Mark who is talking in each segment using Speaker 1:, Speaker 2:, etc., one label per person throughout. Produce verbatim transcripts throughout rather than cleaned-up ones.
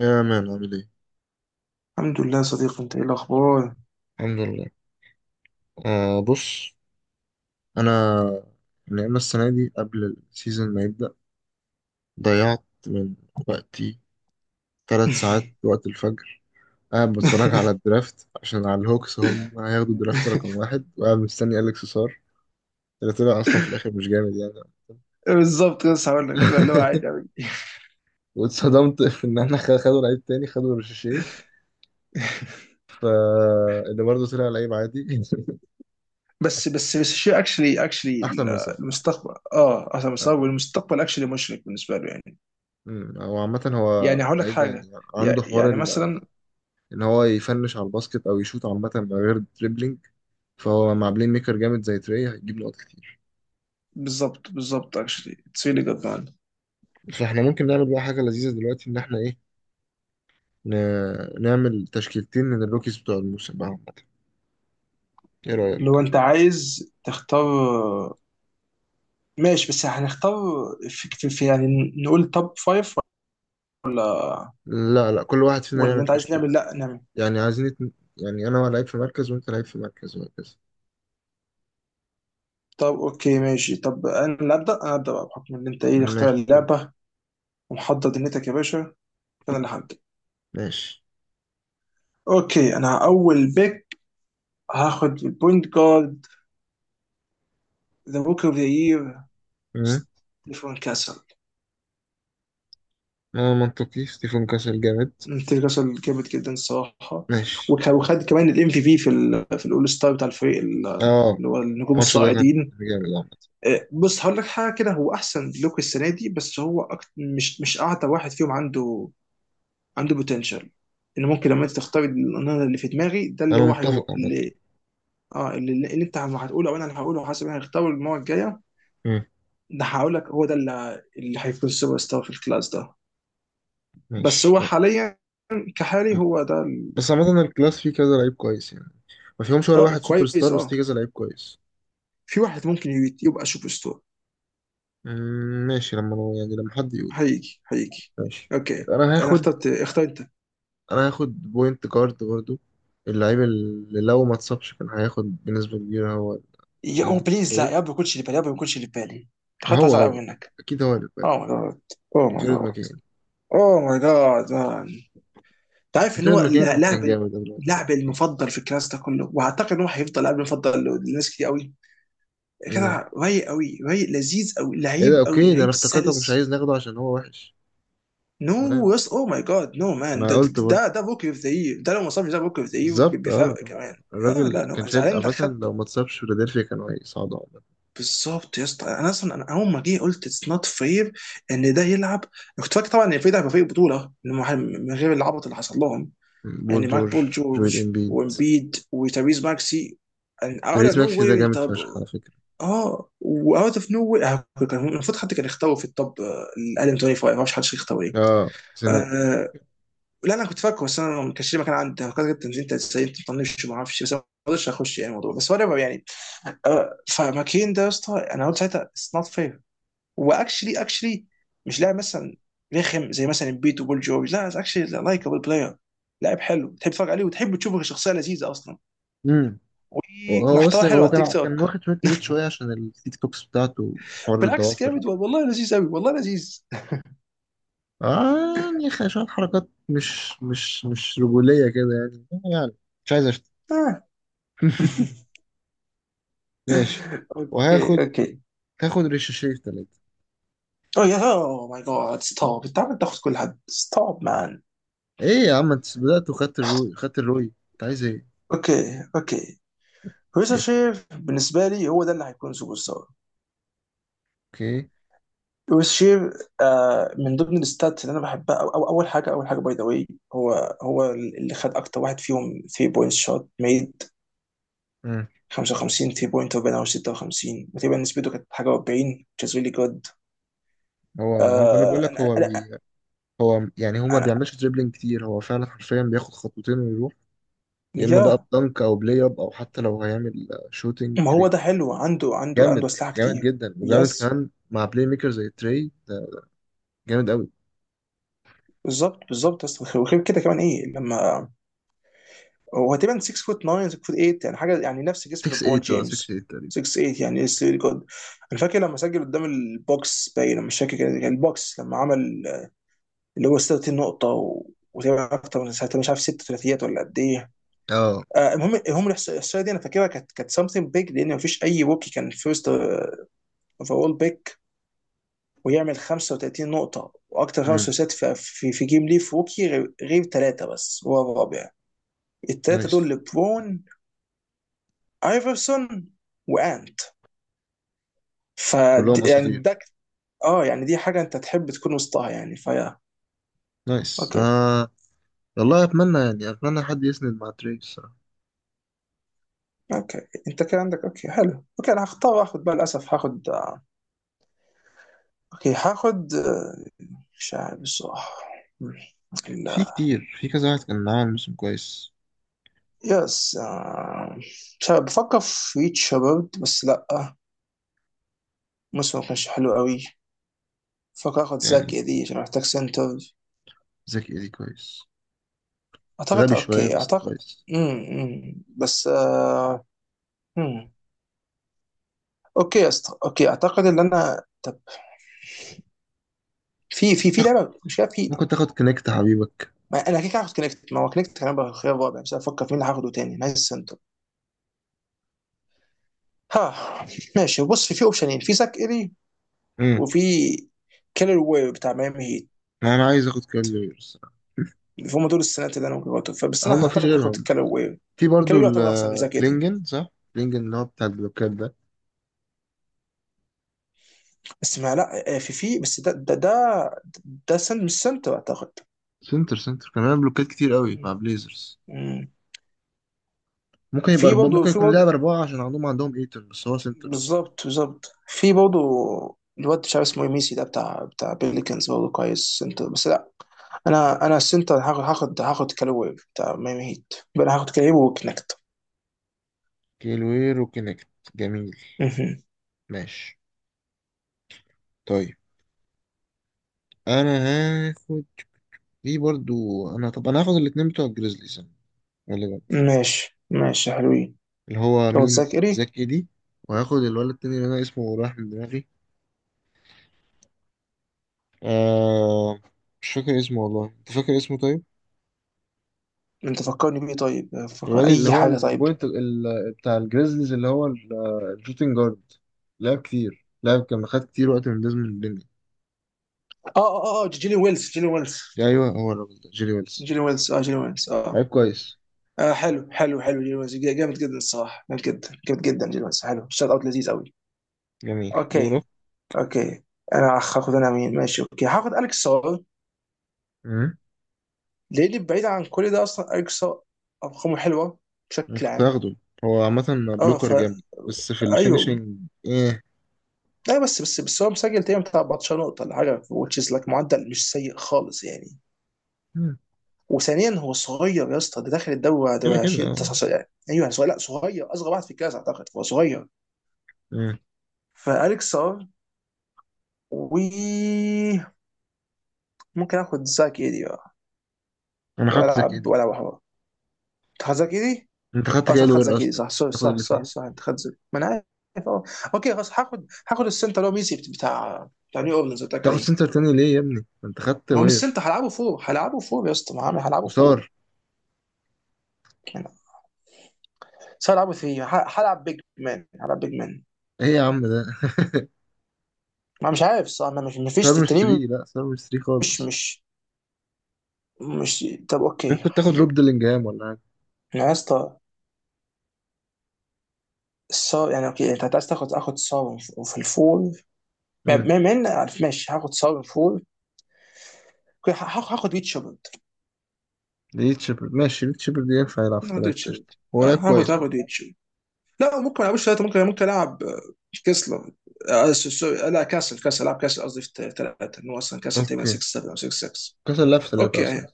Speaker 1: يا مان، عامل ايه؟
Speaker 2: الحمد لله يا صديقي، انت ايه الاخبار؟
Speaker 1: الحمد لله. آه، بص. انا يعني أنا السنة دي قبل السيزون ما يبدأ ضيعت من وقتي ثلاث ساعات وقت الفجر قاعد بتفرج على الدرافت، عشان على الهوكس هم هياخدوا الدرافت رقم واحد، وقاعد مستني أليكس سار اللي طلع أصلا في الآخر مش جامد يعني.
Speaker 2: بالظبط، بس هقول لك طلع اللي هو عادي قوي.
Speaker 1: واتصدمت في إن احنا خ- خدوا لعيب تاني، خدوا رشاشيه، فاللي برضه طلع لعيب عادي.
Speaker 2: بس بس بس شيء اكشلي اكشلي.
Speaker 1: أحسن من سار، أحسن.
Speaker 2: المستقبل اه اصلا
Speaker 1: آه.
Speaker 2: المستقبل المستقبل اكشلي مشرق بالنسبه له يعني.
Speaker 1: أمم، هو عامة هو
Speaker 2: يعني هقول لك
Speaker 1: لعيب
Speaker 2: حاجه.
Speaker 1: يعني
Speaker 2: يع-
Speaker 1: عنده حوار
Speaker 2: يعني مثلا.
Speaker 1: ان هو يفنش على الباسكت او يشوط عامه من غير دريبلينج، فهو مع بلاي ميكر جامد زي تري هيجيب نقط كتير.
Speaker 2: بالظبط بالظبط اكشلي اتس ريلي جود مان.
Speaker 1: فاحنا ممكن نعمل بقى حاجه لذيذه دلوقتي، ان احنا ايه ن- نعمل تشكيلتين من الروكيز بتوع الموسم بقى عامة. ايه
Speaker 2: لو
Speaker 1: رايك؟
Speaker 2: انت عايز تختار. ماشي بس هنختار، في, في في- يعني نقول توب فايف ولا؟
Speaker 1: لا، لا، كل واحد فينا
Speaker 2: ولا
Speaker 1: يعمل
Speaker 2: انت عايز
Speaker 1: تشكيله.
Speaker 2: نعمل؟ لا نعمل.
Speaker 1: يعني عايزين اتن... يعني انا لعيب في مركز وانت لعيب في مركز وهكذا.
Speaker 2: طب اوكي ماشي، طب انا ابدا، انا ابدا بقى بحكم ان انت ايه اللي اختار
Speaker 1: ماشي. اب-
Speaker 2: اللعبه ومحضر دنيتك يا باشا، فانا اللي هبدا.
Speaker 1: ماشي.
Speaker 2: اوكي، انا اول بيك، هاخد البوينت جارد ذا بوك اوف ذا يير
Speaker 1: امم.
Speaker 2: ستيفن كاسل.
Speaker 1: اه، منطقي، ستيفن كاسل جامد.
Speaker 2: ستيفن كاسل جامد جدا الصراحه.
Speaker 1: ماشي.
Speaker 2: وك- وخد كمان الام في في في ال في الاول ستار بتاع الفريق ال-
Speaker 1: اه،
Speaker 2: اللي هو النجوم
Speaker 1: الماتش ده كان
Speaker 2: الصاعدين.
Speaker 1: جامد عامة.
Speaker 2: إيه، بص هقول لك حاجه كده. هو احسن لوك السنه دي، بس هو أكت... مش مش اعتى واحد فيهم عنده. عنده بوتنشال ان ممكن لما انت تختار النهر اللي في دماغي ده اللي
Speaker 1: انا
Speaker 2: هو
Speaker 1: متفق
Speaker 2: هيو...
Speaker 1: عامة.
Speaker 2: اللي اه اللي, اللي انت هتقوله او انا اللي هقوله، حسب انا هختاره المره الجايه.
Speaker 1: مم.
Speaker 2: ده هقول لك هو ده اللي اللي هيكون سوبر ستار في الكلاس ده. بس
Speaker 1: ماشي.
Speaker 2: هو حاليا كحالي، هو ده ال-
Speaker 1: بس عامة الكلاس فيه كذا لعيب كويس يعني، ما فيهمش ولا
Speaker 2: اه
Speaker 1: واحد سوبر
Speaker 2: كويس
Speaker 1: ستار بس فيه
Speaker 2: اه.
Speaker 1: كذا لعيب كويس.
Speaker 2: في واحد ممكن يت- يبقى سوبر ستار.
Speaker 1: مم، ماشي. لما أنا يعني لما حد يقول
Speaker 2: هيجي هيجي.
Speaker 1: ماشي،
Speaker 2: اوكي
Speaker 1: يبقى انا
Speaker 2: انا
Speaker 1: هاخد
Speaker 2: اخترت، اختار انت.
Speaker 1: انا هاخد بوينت جارد برضو. اللعيب اللي لو ما اتصابش كان هياخد بنسبة كبيرة هو
Speaker 2: يا او بليز، لا،
Speaker 1: الروي.
Speaker 2: يا رب ما يكونش اللي بالي، يا رب ما يكونش اللي بالي.
Speaker 1: ما
Speaker 2: اخترت،
Speaker 1: هو
Speaker 2: هزعل قوي
Speaker 1: هو
Speaker 2: منك.
Speaker 1: اكيد هو اللي
Speaker 2: اوه
Speaker 1: بقى.
Speaker 2: ماي جاد. اوه ماي جاد.
Speaker 1: جيرد ماكين.
Speaker 2: اوه ماي جاد. انت عارف ان
Speaker 1: جيرد
Speaker 2: هو
Speaker 1: ماكين
Speaker 2: لاعب،
Speaker 1: كان جامد قبل ما يتصاب.
Speaker 2: اللاعب المفضل في الكلاس ده كله، واعتقد ان هو هيفضل لاعب المفضل لناس كتير قوي.
Speaker 1: مم.
Speaker 2: كده رايق قوي، رايق لذيذ قوي،
Speaker 1: ايه ده؟
Speaker 2: لعيب قوي،
Speaker 1: اوكي، ده انا
Speaker 2: لعيب
Speaker 1: افتكرتك مش
Speaker 2: سلس.
Speaker 1: عايز ناخده عشان هو وحش.
Speaker 2: نو،
Speaker 1: تمام.
Speaker 2: يس او ماي جاد. نو مان،
Speaker 1: انا
Speaker 2: ده ده
Speaker 1: قلت برضه،
Speaker 2: ده, ده بوكي اوف ذا يير، ده لو ما صابش ده بوكي اوف ذا يير
Speaker 1: بالظبط. اه.
Speaker 2: بفرق
Speaker 1: آه.
Speaker 2: كمان. اه
Speaker 1: الراجل
Speaker 2: لا، نو،
Speaker 1: كان
Speaker 2: انا
Speaker 1: شايل
Speaker 2: زعلان انك
Speaker 1: عامة، لو
Speaker 2: خدته.
Speaker 1: ما اتصابش فيلادلفيا كانوا هيصعدوا.
Speaker 2: بالظبط يا اسطى. انا اصلا انا اول ما جه قلت اتس نوت فير ان ده يلعب. أنا كنت فاكر طبعا ان الفريق ده هيبقى فريق بطوله إنه من غير العبط اللي حصل لهم،
Speaker 1: بول
Speaker 2: يعني معاك
Speaker 1: جورج،
Speaker 2: بول
Speaker 1: جويل
Speaker 2: جورج
Speaker 1: امبيد.
Speaker 2: وامبيد وتابيز ماكسي and out of
Speaker 1: تيريس ماكسي ده
Speaker 2: nowhere انت
Speaker 1: جامد فشخ
Speaker 2: ب-
Speaker 1: على فكرة.
Speaker 2: اه و out of nowhere آه، كان المفروض حد كان يختاروا في التوب الادم خمسة وعشرين، ما اعرفش حد يختار ايه.
Speaker 1: اه، سنة.
Speaker 2: آه لا، انا كنت فاكره، بس انا ما كانش لي مكان، عندي فكرت انت انت ازاي انت بتطنش ما اعرفش، بس أنا ما قدرتش اخش يعني الموضوع بس ولا يعني. آه، فماكين ده يا اسطى انا قلت ساعتها اتس نوت fair. واكشلي اكشلي مش لاعب مثلا رخم زي مثلا امبيد وبول جورج، لا اكشلي لايكابل بلاير، لاعب حلو تحب تتفرج عليه وتحب تشوفه، شخصيه لذيذه اصلا
Speaker 1: امم. هو بس
Speaker 2: ومحتوى حلو على
Speaker 1: هو
Speaker 2: التيك
Speaker 1: كان كان
Speaker 2: توك.
Speaker 1: واخد شوية نيت شوية عشان السيت كوكس بتاعته، حوار
Speaker 2: بالعكس
Speaker 1: الضوافر.
Speaker 2: جامد والله، لذيذ قوي والله لذيذ.
Speaker 1: اه، يعني خ- شوية حركات مش مش مش رجولية كده يعني. يعني مش عايز اشتم.
Speaker 2: آه.
Speaker 1: ماشي.
Speaker 2: اوكي
Speaker 1: وهاخد
Speaker 2: اوكي.
Speaker 1: هاخد ريشاشيه في تلاتة.
Speaker 2: اوه يا، اوه ماي جاد ستوب، انت عمال تاخد كل حد، ستوب مان.
Speaker 1: ايه يا عم، انت بدأت وخدت الروي، خدت الروي، انت عايز ايه؟
Speaker 2: اوكي اوكي. ريزا شير بالنسبه لي هو ده اللي هيكون سوبر ستار.
Speaker 1: اوكي.
Speaker 2: وشير آه، من ضمن الستات اللي انا بحبها أو أو اول حاجه اول حاجه باي ذا واي، هو هو اللي خد اكتر واحد فيهم ثري بوينت شوت ميد،
Speaker 1: مم.
Speaker 2: خمسة وخمسين ثري بوينت وبين او ستة وخمسين، وتقريبا نسبته كانت حاجه اربعين which is really good.
Speaker 1: هو هو انا
Speaker 2: آه
Speaker 1: بقول لك
Speaker 2: انا
Speaker 1: هو
Speaker 2: انا
Speaker 1: هو يعني هو ما
Speaker 2: انا
Speaker 1: بيعملش دريبلينج كتير، هو فعلا حرفيا بياخد خطوتين ويروح، يا اما بقى
Speaker 2: يا.
Speaker 1: بدنك او بلاي اب او حتى لو هيعمل شوتنج
Speaker 2: ما هو
Speaker 1: كريت.
Speaker 2: ده حلو، عنده عنده عنده
Speaker 1: جامد.
Speaker 2: اسلحه
Speaker 1: جامد
Speaker 2: كتير.
Speaker 1: جدا وجامد
Speaker 2: يس.
Speaker 1: كمان مع بلاي ميكر زي تري ده، جامد قوي.
Speaker 2: بالظبط بالظبط، بس وغير كده كمان ايه لما، هو تقريبا سيكس فوت ناين، سيكس فوت ايت، يعني حاجه يعني نفس
Speaker 1: ستة
Speaker 2: جسم ليبرون
Speaker 1: ثمانية. اه، ستة
Speaker 2: جيمس.
Speaker 1: ثمانية تقريبا.
Speaker 2: سيكس ايت يعني اتس ريلي جود. انا فاكر لما سجل قدام البوكس باين، انا مش فاكر كان كان البوكس لما عمل اللي هو سته وتلاتين نقطه و- وتقريبا اكتر من ساعتها، مش عارف ست ثلاثيات ولا قد ايه.
Speaker 1: اه.
Speaker 2: آه، المهم المهم الإحصا- الاحصائيه دي انا فاكرها كانت كانت سمثينج بيج، لان مفيش اي روكي كان فيرست اوفرول بيك ويعمل خمسة وثلاثين نقطه واكتر خمس
Speaker 1: امم.
Speaker 2: ثلاثيات في في, في جيم ليف روكي غير غير ثلاثه، بس هو الرابع. الثلاثه
Speaker 1: نايس.
Speaker 2: دول لبرون، ايفرسون، وانت. ف
Speaker 1: كلهم
Speaker 2: يعني
Speaker 1: اساطير.
Speaker 2: ده ك- اه يعني دي حاجه انت تحب تكون وسطها يعني فيا.
Speaker 1: نايس.
Speaker 2: اوكي
Speaker 1: آه. والله اتمنى يعني اتمنى حد يسند مع تري الصراحه.
Speaker 2: اوكي. انت كده عندك، اوكي حلو، اوكي انا هختار اخد بقى، للاسف هاخد. اوكي هاخد آه، مش عارف بصراحه. مم.
Speaker 1: في
Speaker 2: لا.
Speaker 1: كتير، في كذا واحد كان معاهم موسم كويس
Speaker 2: يس آه، مش عارف، بفكر في ريتش شباب بس لا، موسم ما كانش حلو قوي. بفكر اخد زاك
Speaker 1: يعني.
Speaker 2: دي عشان محتاج سنتر.
Speaker 1: زكي ايدي كويس،
Speaker 2: اعتقد
Speaker 1: غبي شويه
Speaker 2: اوكي
Speaker 1: بس
Speaker 2: اعتقد.
Speaker 1: كويس.
Speaker 2: امم أمم. بس آه، مم. اوكي يا اسطى، اوكي اعتقد ان انا، طب في في في
Speaker 1: تاخد-
Speaker 2: لعبه مش كده في.
Speaker 1: ممكن تاخد كونكت حبيبك.
Speaker 2: ما انا كده كده هاخد كونكت، ما هو كونكت كان هيبقى خيار رابع، بس افكر في مين هاخده تاني نايس سنتر. ها. ماشي بص، في في اوبشنين، في ساك الي، وفي كيلر وير بتاع ميامي هيت.
Speaker 1: انا عايز اخد كالير الصراحه.
Speaker 2: هم دول السنات اللي انا ممكن أقعد- بس انا
Speaker 1: هم مفيش
Speaker 2: اعتقد هاخد
Speaker 1: غيرهم؟
Speaker 2: كيلر وير.
Speaker 1: في
Speaker 2: كيلر
Speaker 1: برضو
Speaker 2: وير اعتقد احسن من ساك الي،
Speaker 1: الكلينجن صح؟ كلينجن اللي هو بتاع البلوكات ده.
Speaker 2: بس ما لا آه، في في بس ده ده ده, ده سن مش سنتر اعتقد.
Speaker 1: سنتر سنتر كان بيعمل بلوكات كتير قوي مع بليزرز.
Speaker 2: مم.
Speaker 1: ممكن يبقى
Speaker 2: في
Speaker 1: أربعة،
Speaker 2: برضه
Speaker 1: ممكن
Speaker 2: في
Speaker 1: يكون لاعب
Speaker 2: برضه
Speaker 1: أربعة عشان عندهم عندهم ايتون بس هو سنتر أصلا.
Speaker 2: بالظبط بالظبط في برضه. الواد مش عارف اسمه إيه، ميسي ده بتاع بتاع بيليكنز برضه كويس سنتر، بس لا. انا انا السنتر هاخد هاخد هاخد كالوي بتاع ميامي هيت، يبقى انا هاخد كالوي وكنكت.
Speaker 1: كيلوير وكينكت. جميل.
Speaker 2: مهم.
Speaker 1: ماشي. طيب أنا هاخد في برضو. أنا طب أنا هاخد الاتنين بتوع الجريزليز أنا غالبا.
Speaker 2: ماشي ماشي حلوين.
Speaker 1: اللي هو
Speaker 2: لو
Speaker 1: مين؟
Speaker 2: تذاكري.
Speaker 1: زاك إيدي. وهاخد الولد التاني اللي أنا اسمه رايح من دماغي. آه، مش فاكر اسمه والله، أنت فاكر اسمه طيب؟
Speaker 2: انت فكرني بيه طيب،
Speaker 1: الواد
Speaker 2: فكر
Speaker 1: اللي
Speaker 2: اي
Speaker 1: هو
Speaker 2: حاجه طيب.
Speaker 1: البوينت ال- بتاع الجريزليز اللي هو ال- الشوتنج جارد، لعب كتير، لعب كان خد كتير وقت من ديزموند بين.
Speaker 2: اه اه اه جيلين ويلز جيلين ويلز
Speaker 1: ايوه، هو الراجل ده، جيري ويلز.
Speaker 2: جيلين ويلز اه جيلين ويلز
Speaker 1: لعب
Speaker 2: اه.
Speaker 1: كويس.
Speaker 2: آه حلو حلو حلو، جيلين ويلز جامد جدا الصراحه، جامد جدا جامد جدا، جيلين ويلز حلو، شوت اوت لذيذ قوي.
Speaker 1: جميل دوره.
Speaker 2: اوكي اوكي. انا أخ- هاخد انا مين؟ ماشي اوكي هاخد اليكس سار.
Speaker 1: امم.
Speaker 2: ليه بعيد عن كل ده اصلا اليكس سار؟ ارقامه حلوه
Speaker 1: أنا
Speaker 2: بشكل
Speaker 1: كنت
Speaker 2: عام.
Speaker 1: هاخده. هو عامة
Speaker 2: اه
Speaker 1: بلوكر
Speaker 2: ف
Speaker 1: جامد بس في
Speaker 2: ايوه.
Speaker 1: الفينشنج. ايه.
Speaker 2: لا بس بس بس هو مسجل تقريبا بتاع اربعة عشر نقطه ولا حاجه which is like معدل مش سيء خالص يعني.
Speaker 1: مم.
Speaker 2: وثانيا هو صغير يا اسطى، ده داخل الدوري بعد
Speaker 1: كده كده
Speaker 2: عشرين
Speaker 1: اه.
Speaker 2: تسعة عشر، يعني ايوه يعني صغير، لا صغير، اصغر واحد في الكلاس اعتقد، هو صغير.
Speaker 1: مم.
Speaker 2: فاليكس سار و ممكن اخد زاك ايدي بقى
Speaker 1: انا خدت زك
Speaker 2: والعب.
Speaker 1: دي.
Speaker 2: ولا هو تاخد زاك ايدي.
Speaker 1: انت خدت
Speaker 2: اه
Speaker 1: كده
Speaker 2: صح، خد
Speaker 1: وير
Speaker 2: زكي
Speaker 1: اصلا.
Speaker 2: صح، سوري
Speaker 1: تاخد
Speaker 2: صح صح
Speaker 1: الاثنين؟
Speaker 2: صح، انت خد زكي، ما انا عارف اه. اوكي خلاص، هاخد هاخد السنتر اللي هو ميسي بتاع بتاع نيو اورلينز اللي قلت لك
Speaker 1: تاخد
Speaker 2: عليه.
Speaker 1: سنتر تاني ليه يا ابني، ما انت خدت
Speaker 2: ما هو مش
Speaker 1: وير
Speaker 2: السنتر، هلعبه فوق هلعبه فوق يا اسطى، ما هعمل- هلعبه فوق
Speaker 1: وصار؟
Speaker 2: يعني بس، هلعبه ثري، هلعب بيج مان هلعب بيج مان.
Speaker 1: ايه يا عم ده؟
Speaker 2: ما مش عارف صح، ما مش مفيش
Speaker 1: صار مش
Speaker 2: التنين.
Speaker 1: ثلاثة. لا، صار مش ثلاثة
Speaker 2: مش
Speaker 1: خالص.
Speaker 2: مش مش طب اوكي.
Speaker 1: ممكن تاخد روب ديلينجهام ولا؟
Speaker 2: انا يا اسطى، الصار يعني اوكي انت عايز تاخد، اخد صار في الفول. ما
Speaker 1: مم.
Speaker 2: ما ما إن- عارف ماشي، هاخد صار في الفول. اوكي، هاخد هاخد ريتشارد.
Speaker 1: ليد شيبرد. ماشي، ليد شيبرد ينفع يلعب في
Speaker 2: هاخد
Speaker 1: ثلاثة،
Speaker 2: ريتشارد
Speaker 1: قشطة، هو
Speaker 2: آه،
Speaker 1: لعب
Speaker 2: هاخد
Speaker 1: كويس برضه.
Speaker 2: هاخد ريتشارد. لا ممكن ما العبش ثلاثه، ممكن ممكن العب كسلر. آه، س- س- لا كاسل، كاسل العب كاسل قصدي في ثلاثه، انه اصلا كاسل تقريبا
Speaker 1: اوكي.
Speaker 2: سيكس سفن او سيكس سيكس.
Speaker 1: كاس اللعب في ثلاثة اصلا.
Speaker 2: اوكي.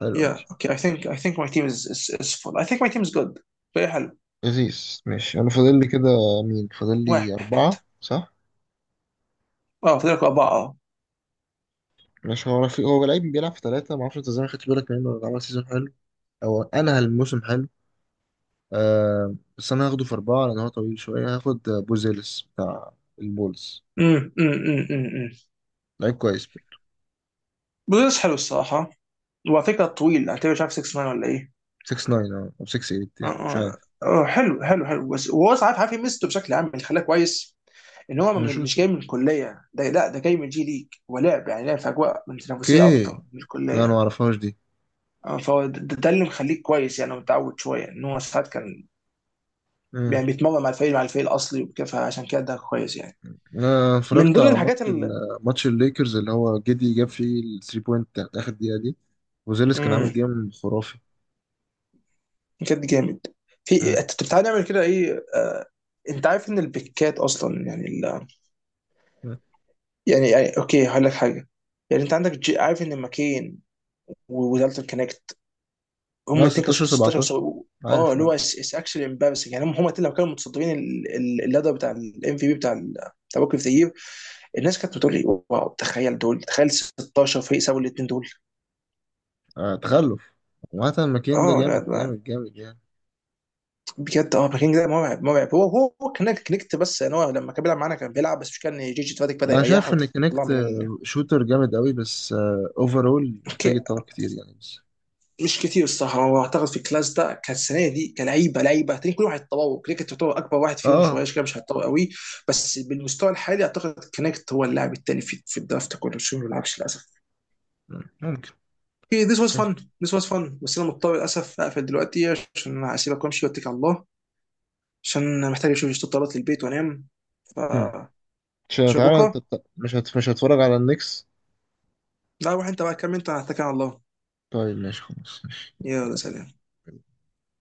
Speaker 1: حلو
Speaker 2: يا
Speaker 1: ماشي.
Speaker 2: اوكي اي ثينك اي ثينك ماي تيم از از فول، اي ثينك ماي تيم از جود، فريق حلو.
Speaker 1: لذيذ ماشي. انا فاضل لي كده، مين فاضل لي
Speaker 2: واحد،
Speaker 1: أربعة صح؟
Speaker 2: اه فاضلك اربعه اه.
Speaker 1: مش هو رفيق؟ هو لعيب بيلعب في ثلاثة، معرفش انت ازاي ما خدتش بالك منه، ولا عمل سيزون حلو او انا الموسم حلو. آه، بس انا هاخده في أربعة لأن هو طويل شوية. هاخد بوزيلس بتاع البولز.
Speaker 2: امم امم امم امم.
Speaker 1: لعيب كويس برضه.
Speaker 2: بس حلو الصراحه. وعلى فكره طويل، اعتبر مش عارف سيكس مان ولا ايه.
Speaker 1: ستة تسعة أو ستة ثمانية
Speaker 2: اه
Speaker 1: يعني مش عارف.
Speaker 2: اه آه، حلو حلو حلو. بس هو عارف عارف يمسته بشكل عام اللي خلاه كويس، ان هو
Speaker 1: انا
Speaker 2: م- مش جاي
Speaker 1: شوتر.
Speaker 2: من الكليه، ده لا ده جاي من جي ليج، ولعب يعني لعب في اجواء من تنافسيه
Speaker 1: اوكي،
Speaker 2: اكتر من
Speaker 1: لا انا
Speaker 2: الكليه.
Speaker 1: ما اعرفهاش دي.
Speaker 2: آه، فهو ده, ده ده اللي مخليك كويس يعني، متعود شويه ان هو ساعات كان يعني بيتمرن مع الفريق، مع الفريق الاصلي وكده، فعشان كده ده كويس يعني.
Speaker 1: انا
Speaker 2: من
Speaker 1: اتفرجت
Speaker 2: ضمن
Speaker 1: على ماتش
Speaker 2: الحاجات اللي.
Speaker 1: ال- ماتش الليكرز اللي هو جدي جاب فيه الثري بوينت بتاعت اخر دقيقه دي. وزيلس كان عامل
Speaker 2: امم.
Speaker 1: جيم خرافي.
Speaker 2: بجد جامد.
Speaker 1: اه
Speaker 2: في انت بتعالى نعمل كده ايه آه، انت عارف ان البيكات اصلا يعني ال...
Speaker 1: اه
Speaker 2: يعني يعني اوكي هقول لك حاجه. يعني انت عندك جي... عارف ان ماكين ودالتون كونكت، هم
Speaker 1: آه،
Speaker 2: الاثنين كانوا
Speaker 1: ستاشر
Speaker 2: ستاشر
Speaker 1: سبعتاشر،
Speaker 2: وسبعة- اه
Speaker 1: عارف،
Speaker 2: اللي هو
Speaker 1: اه.
Speaker 2: اتس اكشلي امبارسنج، يعني هم هم الاتنين لو كانوا متصدرين ال- ال- اللدر بتاع الام في بي، بتاع ال- بتاع بوك اوف ذا يير. الناس كانت بتقول لي واو، تخيل دول، تخيل ستاشر فريق سابوا الاثنين دول.
Speaker 1: آه، تخلف. وعامة ماكين ده
Speaker 2: اه لا،
Speaker 1: جامد
Speaker 2: لا،
Speaker 1: جامد جامد يعني.
Speaker 2: بجد اه. بكينج ده مرعب مرعب. هو هو هو كان كنكت، بس ان هو لما كان بيلعب معانا كان بيلعب، بس مش كان جيجي تفاتك بدا
Speaker 1: انا
Speaker 2: يريحه
Speaker 1: شايف ان
Speaker 2: وطلع
Speaker 1: كونكت
Speaker 2: من ال...
Speaker 1: آه، شوتر جامد قوي، بس اوفرول
Speaker 2: اوكي.
Speaker 1: محتاج يتطور كتير يعني بس.
Speaker 2: مش كتير الصراحه، هو اعتقد في الكلاس ده كانت السنه دي كلعيبه لعيبه تاني، كل واحد تطور. كريكت تعتبر اكبر واحد
Speaker 1: اه،
Speaker 2: فيهم
Speaker 1: آه،
Speaker 2: شويه كده مش هيتطور قوي. بس بالمستوى الحالي اعتقد كونكت هو اللاعب التاني في, في الدرافت كله، بس هو ما بيلعبش للاسف.
Speaker 1: ممكن.
Speaker 2: اوكي، ذس واز فن.
Speaker 1: ماشي.
Speaker 2: ذس واز فن، بس انا مضطر للاسف اقفل دلوقتي، عشان اسيبك وامشي واتكل على الله، عشان محتاج اشوف شويه طلبات للبيت وانام. ف
Speaker 1: مم. مش
Speaker 2: شوف
Speaker 1: تعالى، انت
Speaker 2: بكره.
Speaker 1: بت- مش هت... مش هتفرج على النكس؟
Speaker 2: لا روح انت بقى كمل، انت انا هتكل على الله.
Speaker 1: طيب ماشي، خلاص.
Speaker 2: يلا سلام.